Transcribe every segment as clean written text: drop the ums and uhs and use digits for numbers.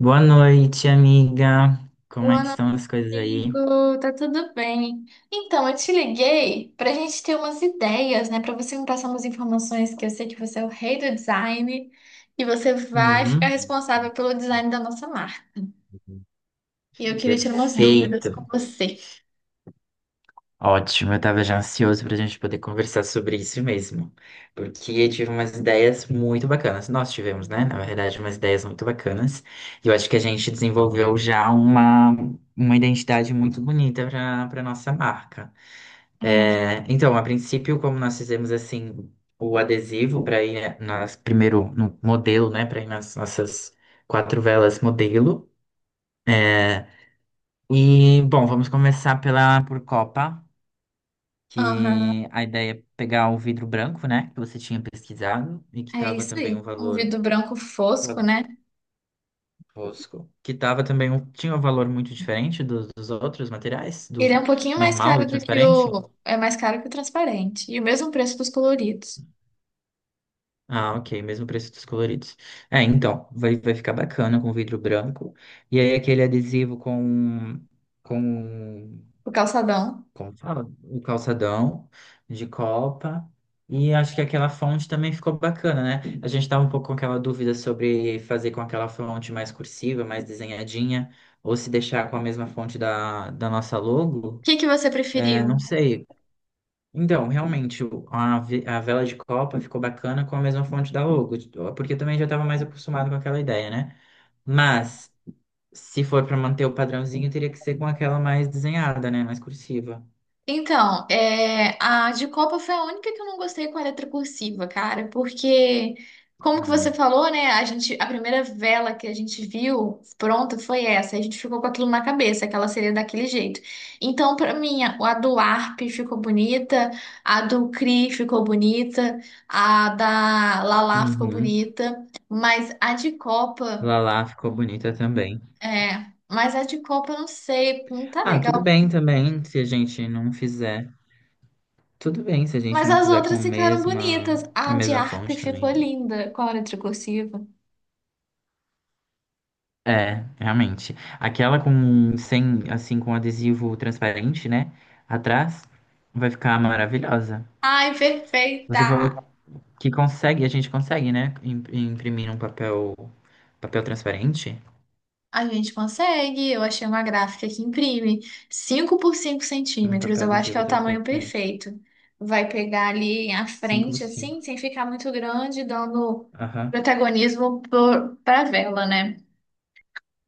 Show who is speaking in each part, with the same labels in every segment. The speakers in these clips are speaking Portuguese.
Speaker 1: Boa noite, amiga. Como é
Speaker 2: Boa
Speaker 1: que
Speaker 2: noite,
Speaker 1: estão as coisas aí?
Speaker 2: amigo. Tá tudo bem? Então, eu te liguei pra gente ter umas ideias, né? Pra você me passar umas informações, que eu sei que você é o rei do design e você vai ficar
Speaker 1: Uhum.
Speaker 2: responsável pelo design da nossa marca. E eu queria tirar umas dúvidas
Speaker 1: Perfeito.
Speaker 2: com você.
Speaker 1: Ótimo, eu tava já ansioso pra gente poder conversar sobre isso mesmo. Porque eu tive umas ideias muito bacanas. Nós tivemos, né? Na verdade, umas ideias muito bacanas. E eu acho que a gente desenvolveu já uma identidade muito bonita para nossa marca.
Speaker 2: É.
Speaker 1: É, então, a princípio, como nós fizemos assim o adesivo para ir, né, nas primeiro no modelo, né, para ir nas nossas quatro velas modelo. É, e bom, vamos começar pela por Copa,
Speaker 2: Aham,
Speaker 1: que a ideia é pegar o vidro branco, né, que você tinha pesquisado e que
Speaker 2: é
Speaker 1: tava
Speaker 2: isso
Speaker 1: também um
Speaker 2: aí. Um
Speaker 1: valor
Speaker 2: vidro branco fosco, né?
Speaker 1: fosco, que tava também um, tinha um valor muito diferente dos outros materiais,
Speaker 2: Ele é
Speaker 1: do
Speaker 2: um pouquinho mais
Speaker 1: normal, do
Speaker 2: caro do que
Speaker 1: transparente.
Speaker 2: o... É mais caro que o transparente. E o mesmo preço dos coloridos.
Speaker 1: Ah, ok, mesmo preço dos coloridos. É, então, vai ficar bacana com vidro branco. E aí aquele adesivo com,
Speaker 2: O calçadão. O
Speaker 1: como fala? O calçadão de Copa. E acho que aquela fonte também ficou bacana, né? A gente tava um pouco com aquela dúvida sobre fazer com aquela fonte mais cursiva, mais desenhadinha, ou se deixar com a mesma fonte da nossa logo.
Speaker 2: que que você
Speaker 1: É, não
Speaker 2: preferiu?
Speaker 1: sei, então, realmente, a vela de Copa ficou bacana com a mesma fonte da logo, porque eu também já estava mais acostumado com aquela ideia, né? Mas, se for para manter o padrãozinho, teria que ser com aquela mais desenhada, né? Mais cursiva.
Speaker 2: Então, a de Copa foi a única que eu não gostei com a letra cursiva, cara, porque, como que
Speaker 1: Ah.
Speaker 2: você falou, né? A primeira vela que a gente viu pronta foi essa. A gente ficou com aquilo na cabeça, que ela seria daquele jeito. Então, pra mim, a do Arp ficou bonita, a do Cri ficou bonita, a da Lala ficou
Speaker 1: Uhum.
Speaker 2: bonita,
Speaker 1: Lala ficou bonita também.
Speaker 2: mas a de Copa, eu não sei, não tá
Speaker 1: Ah, tudo
Speaker 2: legal.
Speaker 1: bem também se a gente não fizer. Tudo bem se a gente
Speaker 2: Mas
Speaker 1: não
Speaker 2: as
Speaker 1: fizer com
Speaker 2: outras ficaram bonitas.
Speaker 1: a
Speaker 2: A de
Speaker 1: mesma
Speaker 2: harp
Speaker 1: fonte
Speaker 2: ficou
Speaker 1: também.
Speaker 2: linda com a hora cursiva.
Speaker 1: É, realmente. Aquela com sem, assim, com adesivo transparente, né? Atrás, vai ficar maravilhosa.
Speaker 2: Ai,
Speaker 1: Você
Speaker 2: perfeita!
Speaker 1: falou que consegue, a gente consegue, né? Imprimir um papel, papel transparente?
Speaker 2: A gente consegue. Eu achei uma gráfica que imprime 5 por 5
Speaker 1: Um
Speaker 2: centímetros.
Speaker 1: papel
Speaker 2: Eu acho que é
Speaker 1: adesivo
Speaker 2: o tamanho
Speaker 1: transparente.
Speaker 2: perfeito. Vai pegar ali a
Speaker 1: Cinco por
Speaker 2: frente,
Speaker 1: 5.
Speaker 2: assim, sem ficar muito grande, dando
Speaker 1: Aham.
Speaker 2: protagonismo pra vela, né?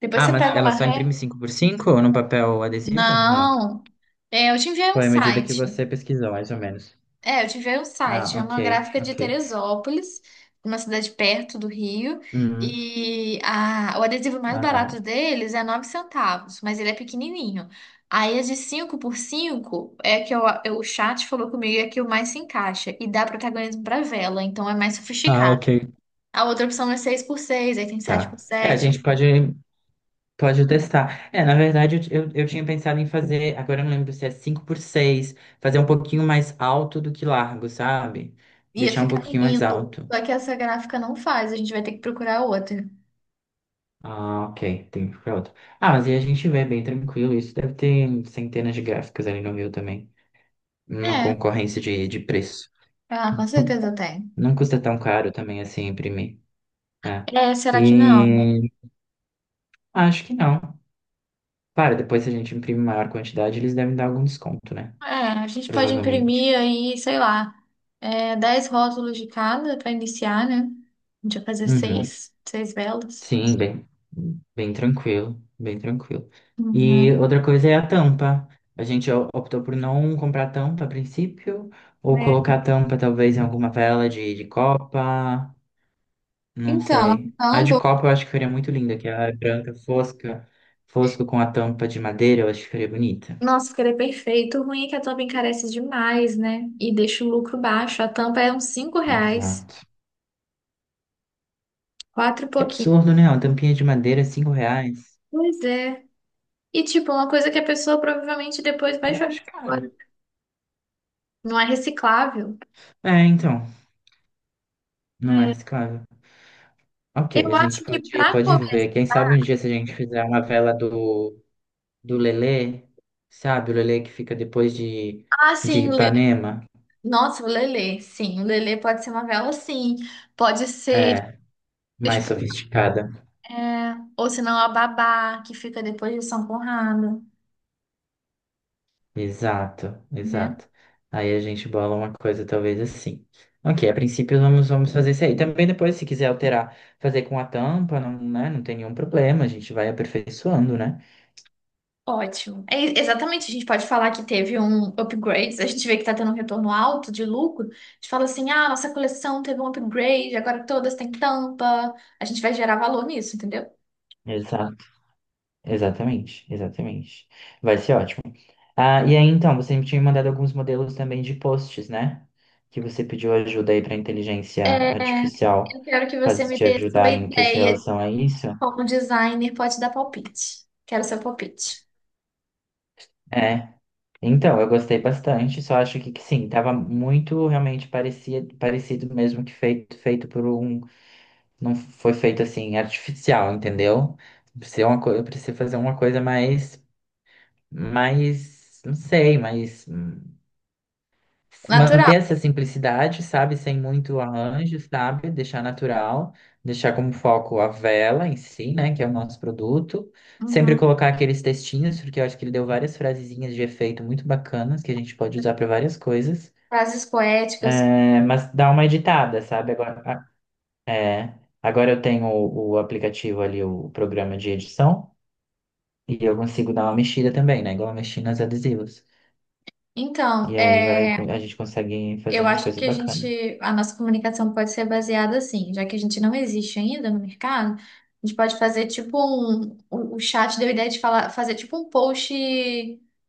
Speaker 2: Depois
Speaker 1: Ah,
Speaker 2: você
Speaker 1: mas
Speaker 2: pega
Speaker 1: ela
Speaker 2: uma
Speaker 1: só
Speaker 2: ré.
Speaker 1: imprime cinco por 5 no papel adesivo? Não.
Speaker 2: Não! É, eu te enviei um
Speaker 1: Foi a medida que
Speaker 2: site.
Speaker 1: você pesquisou, mais ou menos.
Speaker 2: É, eu tive aí o
Speaker 1: Ah,
Speaker 2: site, é
Speaker 1: ok,
Speaker 2: uma gráfica de
Speaker 1: ok.
Speaker 2: Teresópolis, uma cidade perto do Rio,
Speaker 1: Hum,
Speaker 2: e a, o adesivo mais
Speaker 1: aham.
Speaker 2: barato deles é 9 centavos, mas ele é pequenininho. Aí as de 5x5. É que o chat falou comigo é que o mais se encaixa e dá protagonismo pra vela, então é mais
Speaker 1: Ah,
Speaker 2: sofisticado.
Speaker 1: ok.
Speaker 2: A outra opção é 6x6, aí tem 7 por
Speaker 1: Tá. É, a
Speaker 2: 7.
Speaker 1: gente pode. Pode testar. É, na verdade, eu tinha pensado em fazer, agora eu não lembro se é 5 por 6. Fazer um pouquinho mais alto do que largo, sabe?
Speaker 2: Ia
Speaker 1: Deixar um
Speaker 2: ficar
Speaker 1: pouquinho mais
Speaker 2: lindo.
Speaker 1: alto.
Speaker 2: Só que essa gráfica não faz, a gente vai ter que procurar outra.
Speaker 1: Ah, ok, tem que ficar outro. Ah, mas aí a gente vê bem tranquilo, isso deve ter centenas de gráficos ali no meu também. Uma
Speaker 2: É,
Speaker 1: concorrência de preço.
Speaker 2: ah, com certeza tem.
Speaker 1: Não custa tão caro também assim imprimir, né?
Speaker 2: É, será que não?
Speaker 1: E acho que não. Para depois se a gente imprimir maior quantidade, eles devem dar algum desconto, né?
Speaker 2: É, a gente pode
Speaker 1: Provavelmente.
Speaker 2: imprimir aí, sei lá, 10 rótulos de cada para iniciar, né? A gente vai fazer
Speaker 1: Uhum.
Speaker 2: seis velas.
Speaker 1: Sim, bem tranquilo, bem tranquilo. E
Speaker 2: Uhum.
Speaker 1: outra coisa é a tampa. A gente optou por não comprar tampa a princípio, ou
Speaker 2: É.
Speaker 1: colocar tampa talvez em alguma vela de Copa, não
Speaker 2: Então,
Speaker 1: sei. A de
Speaker 2: ambos.
Speaker 1: Copa eu acho que ficaria muito linda, que é a branca fosca, fosco com a tampa de madeira, eu acho que ficaria bonita.
Speaker 2: Nossa, ficaria perfeito. O ruim é que a tampa encarece demais, né? E deixa o lucro baixo. A tampa é uns R$ 5,
Speaker 1: Exato.
Speaker 2: quatro e
Speaker 1: É
Speaker 2: pouquinho.
Speaker 1: absurdo, né? Uma tampinha de madeira, R$ 5.
Speaker 2: Pois é. E, tipo, uma coisa que a pessoa provavelmente depois vai
Speaker 1: Ah, eu
Speaker 2: jogar
Speaker 1: acho caro.
Speaker 2: fora. Não é reciclável.
Speaker 1: É, então, não é,
Speaker 2: É.
Speaker 1: claro. Ok,
Speaker 2: Eu
Speaker 1: a gente
Speaker 2: acho que
Speaker 1: pode,
Speaker 2: pra
Speaker 1: pode
Speaker 2: começar,
Speaker 1: ver. Quem sabe um dia se a gente fizer uma vela do, do Lelê, sabe? O Lelê que fica depois de
Speaker 2: assim.
Speaker 1: Ipanema.
Speaker 2: Nossa, o Lelê, sim. O Lelê pode ser uma vela, sim. Pode ser,
Speaker 1: É,
Speaker 2: deixa
Speaker 1: mais sofisticada.
Speaker 2: ou senão a Babá, que fica depois de São Conrado,
Speaker 1: Exato,
Speaker 2: né?
Speaker 1: exato. Aí a gente bola uma coisa talvez assim. Ok, a princípio vamos fazer isso aí. Também depois, se quiser alterar, fazer com a tampa, não, né, não tem nenhum problema. A gente vai aperfeiçoando, né?
Speaker 2: Ótimo. É, exatamente, a gente pode falar que teve um upgrade, a gente vê que tá tendo um retorno alto de lucro, a gente fala assim, ah, nossa coleção teve um upgrade, agora todas têm tampa, a gente vai gerar valor nisso, entendeu?
Speaker 1: Exato, exatamente, exatamente. Vai ser ótimo. Ah, e aí então, você me tinha mandado alguns modelos também de posts, né? Que você pediu ajuda aí para inteligência
Speaker 2: É, eu
Speaker 1: artificial
Speaker 2: quero que você
Speaker 1: fazer
Speaker 2: me
Speaker 1: te
Speaker 2: dê sua
Speaker 1: ajudar em que se
Speaker 2: ideia de
Speaker 1: relação a isso.
Speaker 2: como designer pode dar palpite. Quero seu palpite.
Speaker 1: É. Então, eu gostei bastante, só acho que sim, tava muito realmente parecia, parecido mesmo que feito, feito por um. Não foi feito assim, artificial, entendeu? Precisa uma, eu preciso fazer uma coisa mais, mais, não sei, mais.
Speaker 2: Natural.
Speaker 1: Manter essa simplicidade, sabe? Sem muito arranjo, sabe? Deixar natural, deixar como foco a vela em si, né? Que é o nosso produto. Sempre
Speaker 2: Uhum.
Speaker 1: colocar aqueles textinhos, porque eu acho que ele deu várias frasezinhas de efeito muito bacanas que a gente pode usar para várias coisas.
Speaker 2: Frases poéticas.
Speaker 1: É, mas dá uma editada, sabe? Agora, é, agora eu tenho o aplicativo ali, o programa de edição, e eu consigo dar uma mexida também, né? Igual eu mexi nos adesivos.
Speaker 2: Então,
Speaker 1: E aí vai,
Speaker 2: é.
Speaker 1: a gente consegue fazer
Speaker 2: Eu
Speaker 1: umas
Speaker 2: acho que
Speaker 1: coisas
Speaker 2: a
Speaker 1: bacanas.
Speaker 2: gente, a nossa comunicação pode ser baseada assim, já que a gente não existe ainda no mercado, a gente pode fazer tipo um, o chat deu a ideia de falar, fazer tipo um post,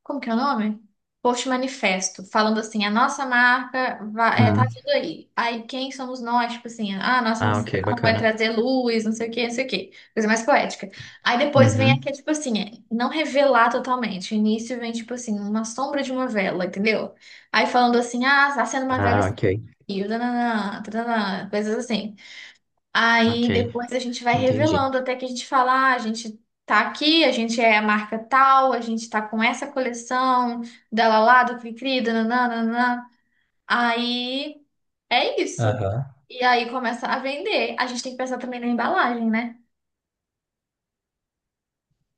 Speaker 2: como que é o nome? Post manifesto, falando assim, a nossa marca vai, é, tá tudo aí. Aí quem somos nós? Tipo assim, ah, a nossa
Speaker 1: Ah,
Speaker 2: missão
Speaker 1: ok,
Speaker 2: é
Speaker 1: bacana.
Speaker 2: trazer luz, não sei o quê, não sei o quê. Coisa mais poética. Aí depois vem
Speaker 1: Uhum.
Speaker 2: aqui, tipo assim, não revelar totalmente. O início vem, tipo assim, uma sombra de uma vela, entendeu? Aí falando assim, ah, tá sendo uma vela
Speaker 1: Ah, ok,
Speaker 2: e tananã, tananã, coisas assim.
Speaker 1: ok,
Speaker 2: Aí depois a gente vai
Speaker 1: entendi.
Speaker 2: revelando até que a gente fala, ah, a gente tá aqui, a gente é a marca tal, a gente tá com essa coleção dela lá, do Cri-Cri, dananã, dananã. Aí é isso.
Speaker 1: Aham.
Speaker 2: E aí começa a vender. A gente tem que pensar também na embalagem, né?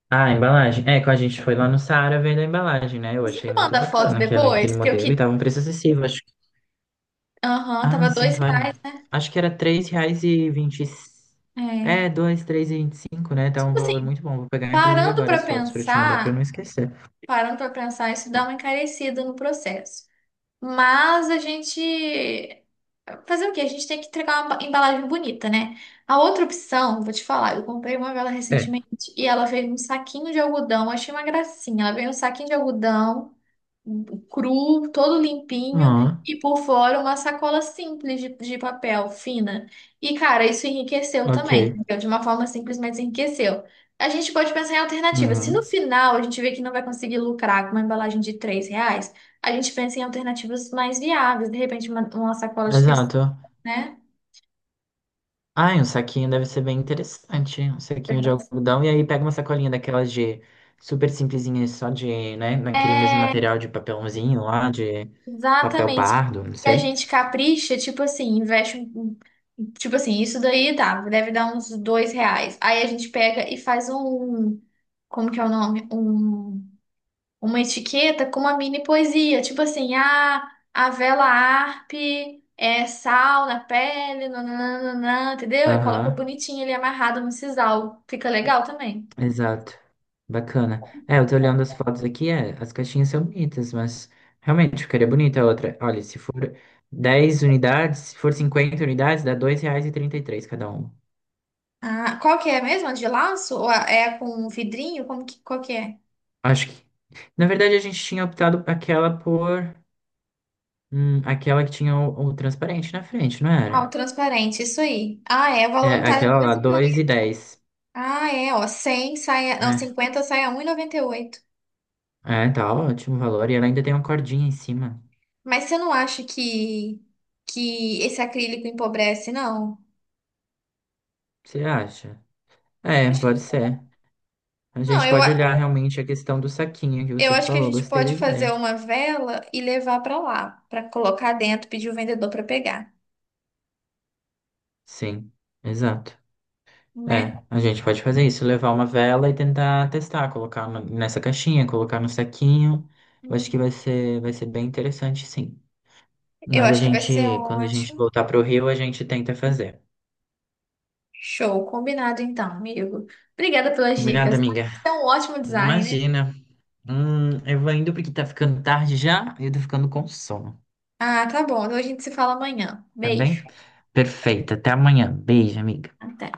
Speaker 1: Ah, a embalagem. É, quando a gente foi lá no Saara vendo a embalagem, né? Eu
Speaker 2: Você
Speaker 1: achei
Speaker 2: me
Speaker 1: muito
Speaker 2: manda a foto
Speaker 1: bacana aquele
Speaker 2: depois, que eu
Speaker 1: modelo e
Speaker 2: que.
Speaker 1: tava um preço acessível, acho que.
Speaker 2: Aham,
Speaker 1: Ah,
Speaker 2: tava
Speaker 1: sim,
Speaker 2: dois
Speaker 1: claro.
Speaker 2: reais, né?
Speaker 1: Acho que era R$ 3,20.
Speaker 2: É.
Speaker 1: É, dois, 3,25, né? Tá um
Speaker 2: Tipo
Speaker 1: valor
Speaker 2: assim,
Speaker 1: muito bom. Vou pegar, inclusive,
Speaker 2: parando
Speaker 1: agora
Speaker 2: pra
Speaker 1: as fotos pra te mandar pra eu
Speaker 2: pensar.
Speaker 1: não esquecer.
Speaker 2: Parando para pensar, isso dá uma encarecida no processo. Mas a gente. Fazer o quê? A gente tem que entregar uma embalagem bonita, né? A outra opção, vou te falar, eu comprei uma vela
Speaker 1: É.
Speaker 2: recentemente e ela veio num saquinho de algodão, achei uma gracinha. Ela veio num saquinho de algodão cru, todo limpinho,
Speaker 1: Ah,
Speaker 2: e por fora uma sacola simples de papel, fina. E, cara, isso enriqueceu também,
Speaker 1: ok.
Speaker 2: entendeu? De uma forma simples, mas enriqueceu. A gente pode pensar em alternativas. Se no
Speaker 1: Uhum.
Speaker 2: final a gente vê que não vai conseguir lucrar com uma embalagem de R$ 3, a gente pensa em alternativas mais viáveis, de repente uma sacola de tecido,
Speaker 1: Exato.
Speaker 2: né?
Speaker 1: Ai, um saquinho deve ser bem interessante, hein? Um saquinho de algodão, e aí pega uma sacolinha daquelas de super simplesinha, só de, né, naquele mesmo
Speaker 2: É.
Speaker 1: material de papelãozinho lá, de papel
Speaker 2: Exatamente.
Speaker 1: pardo, não
Speaker 2: E a
Speaker 1: sei.
Speaker 2: gente capricha, tipo assim, investe um. Tipo assim, isso daí dá, deve dar uns R$ 2. Aí a gente pega e faz um. Como que é o nome? Uma etiqueta com uma mini poesia. Tipo assim, ah, a vela Arp é sal na pele, nananana, entendeu? E coloca
Speaker 1: Aham,
Speaker 2: bonitinho ele amarrado no sisal. Fica legal também.
Speaker 1: exato. Bacana. É, eu tô olhando as fotos aqui, é, as caixinhas são bonitas, mas realmente ficaria bonita a outra. Olha, se for 10 unidades, se for 50 unidades, dá R$ 2,33 cada uma.
Speaker 2: Ah, qual que é mesmo? A de laço? Ou com vidrinho? Qual que é?
Speaker 1: Acho que, na verdade, a gente tinha optado aquela por aquela que tinha o transparente na frente, não
Speaker 2: Uau,
Speaker 1: era?
Speaker 2: transparente, isso aí. Ah, é, o
Speaker 1: É,
Speaker 2: voluntário é
Speaker 1: aquela lá, dois e
Speaker 2: 2,40.
Speaker 1: dez
Speaker 2: Ah, é, ó, 100 sai, não,
Speaker 1: É,
Speaker 2: 50 sai a 1,98.
Speaker 1: é, tá ótimo o valor. E ela ainda tem uma cordinha em cima.
Speaker 2: Mas você não acha que esse acrílico empobrece, não?
Speaker 1: Você acha? É,
Speaker 2: Acho
Speaker 1: pode
Speaker 2: que-
Speaker 1: ser. A
Speaker 2: Não,
Speaker 1: gente pode olhar realmente a questão do saquinho que
Speaker 2: eu
Speaker 1: você
Speaker 2: acho que a
Speaker 1: falou.
Speaker 2: gente
Speaker 1: Gostei da
Speaker 2: pode fazer
Speaker 1: ideia.
Speaker 2: uma vela e levar pra lá, pra colocar dentro, pedir o vendedor pra pegar,
Speaker 1: Sim, exato.
Speaker 2: né?
Speaker 1: É, a gente pode fazer isso, levar uma vela e tentar testar, colocar nessa caixinha, colocar no saquinho. Eu acho que
Speaker 2: Uhum.
Speaker 1: vai ser bem interessante, sim.
Speaker 2: Eu
Speaker 1: Mas a
Speaker 2: acho que vai ser
Speaker 1: gente, quando a gente
Speaker 2: ótimo.
Speaker 1: voltar pro Rio, a gente tenta fazer.
Speaker 2: Show, combinado então, amigo. Obrigada pelas
Speaker 1: Combinado,
Speaker 2: dicas, tá?
Speaker 1: amiga?
Speaker 2: Você é um ótimo designer.
Speaker 1: Imagina. Eu vou indo porque tá ficando tarde já e eu tô ficando com sono,
Speaker 2: Ah, tá bom. Então a gente se fala amanhã.
Speaker 1: tá
Speaker 2: Beijo.
Speaker 1: bem? Perfeito. Até amanhã. Beijo, amiga.
Speaker 2: Até.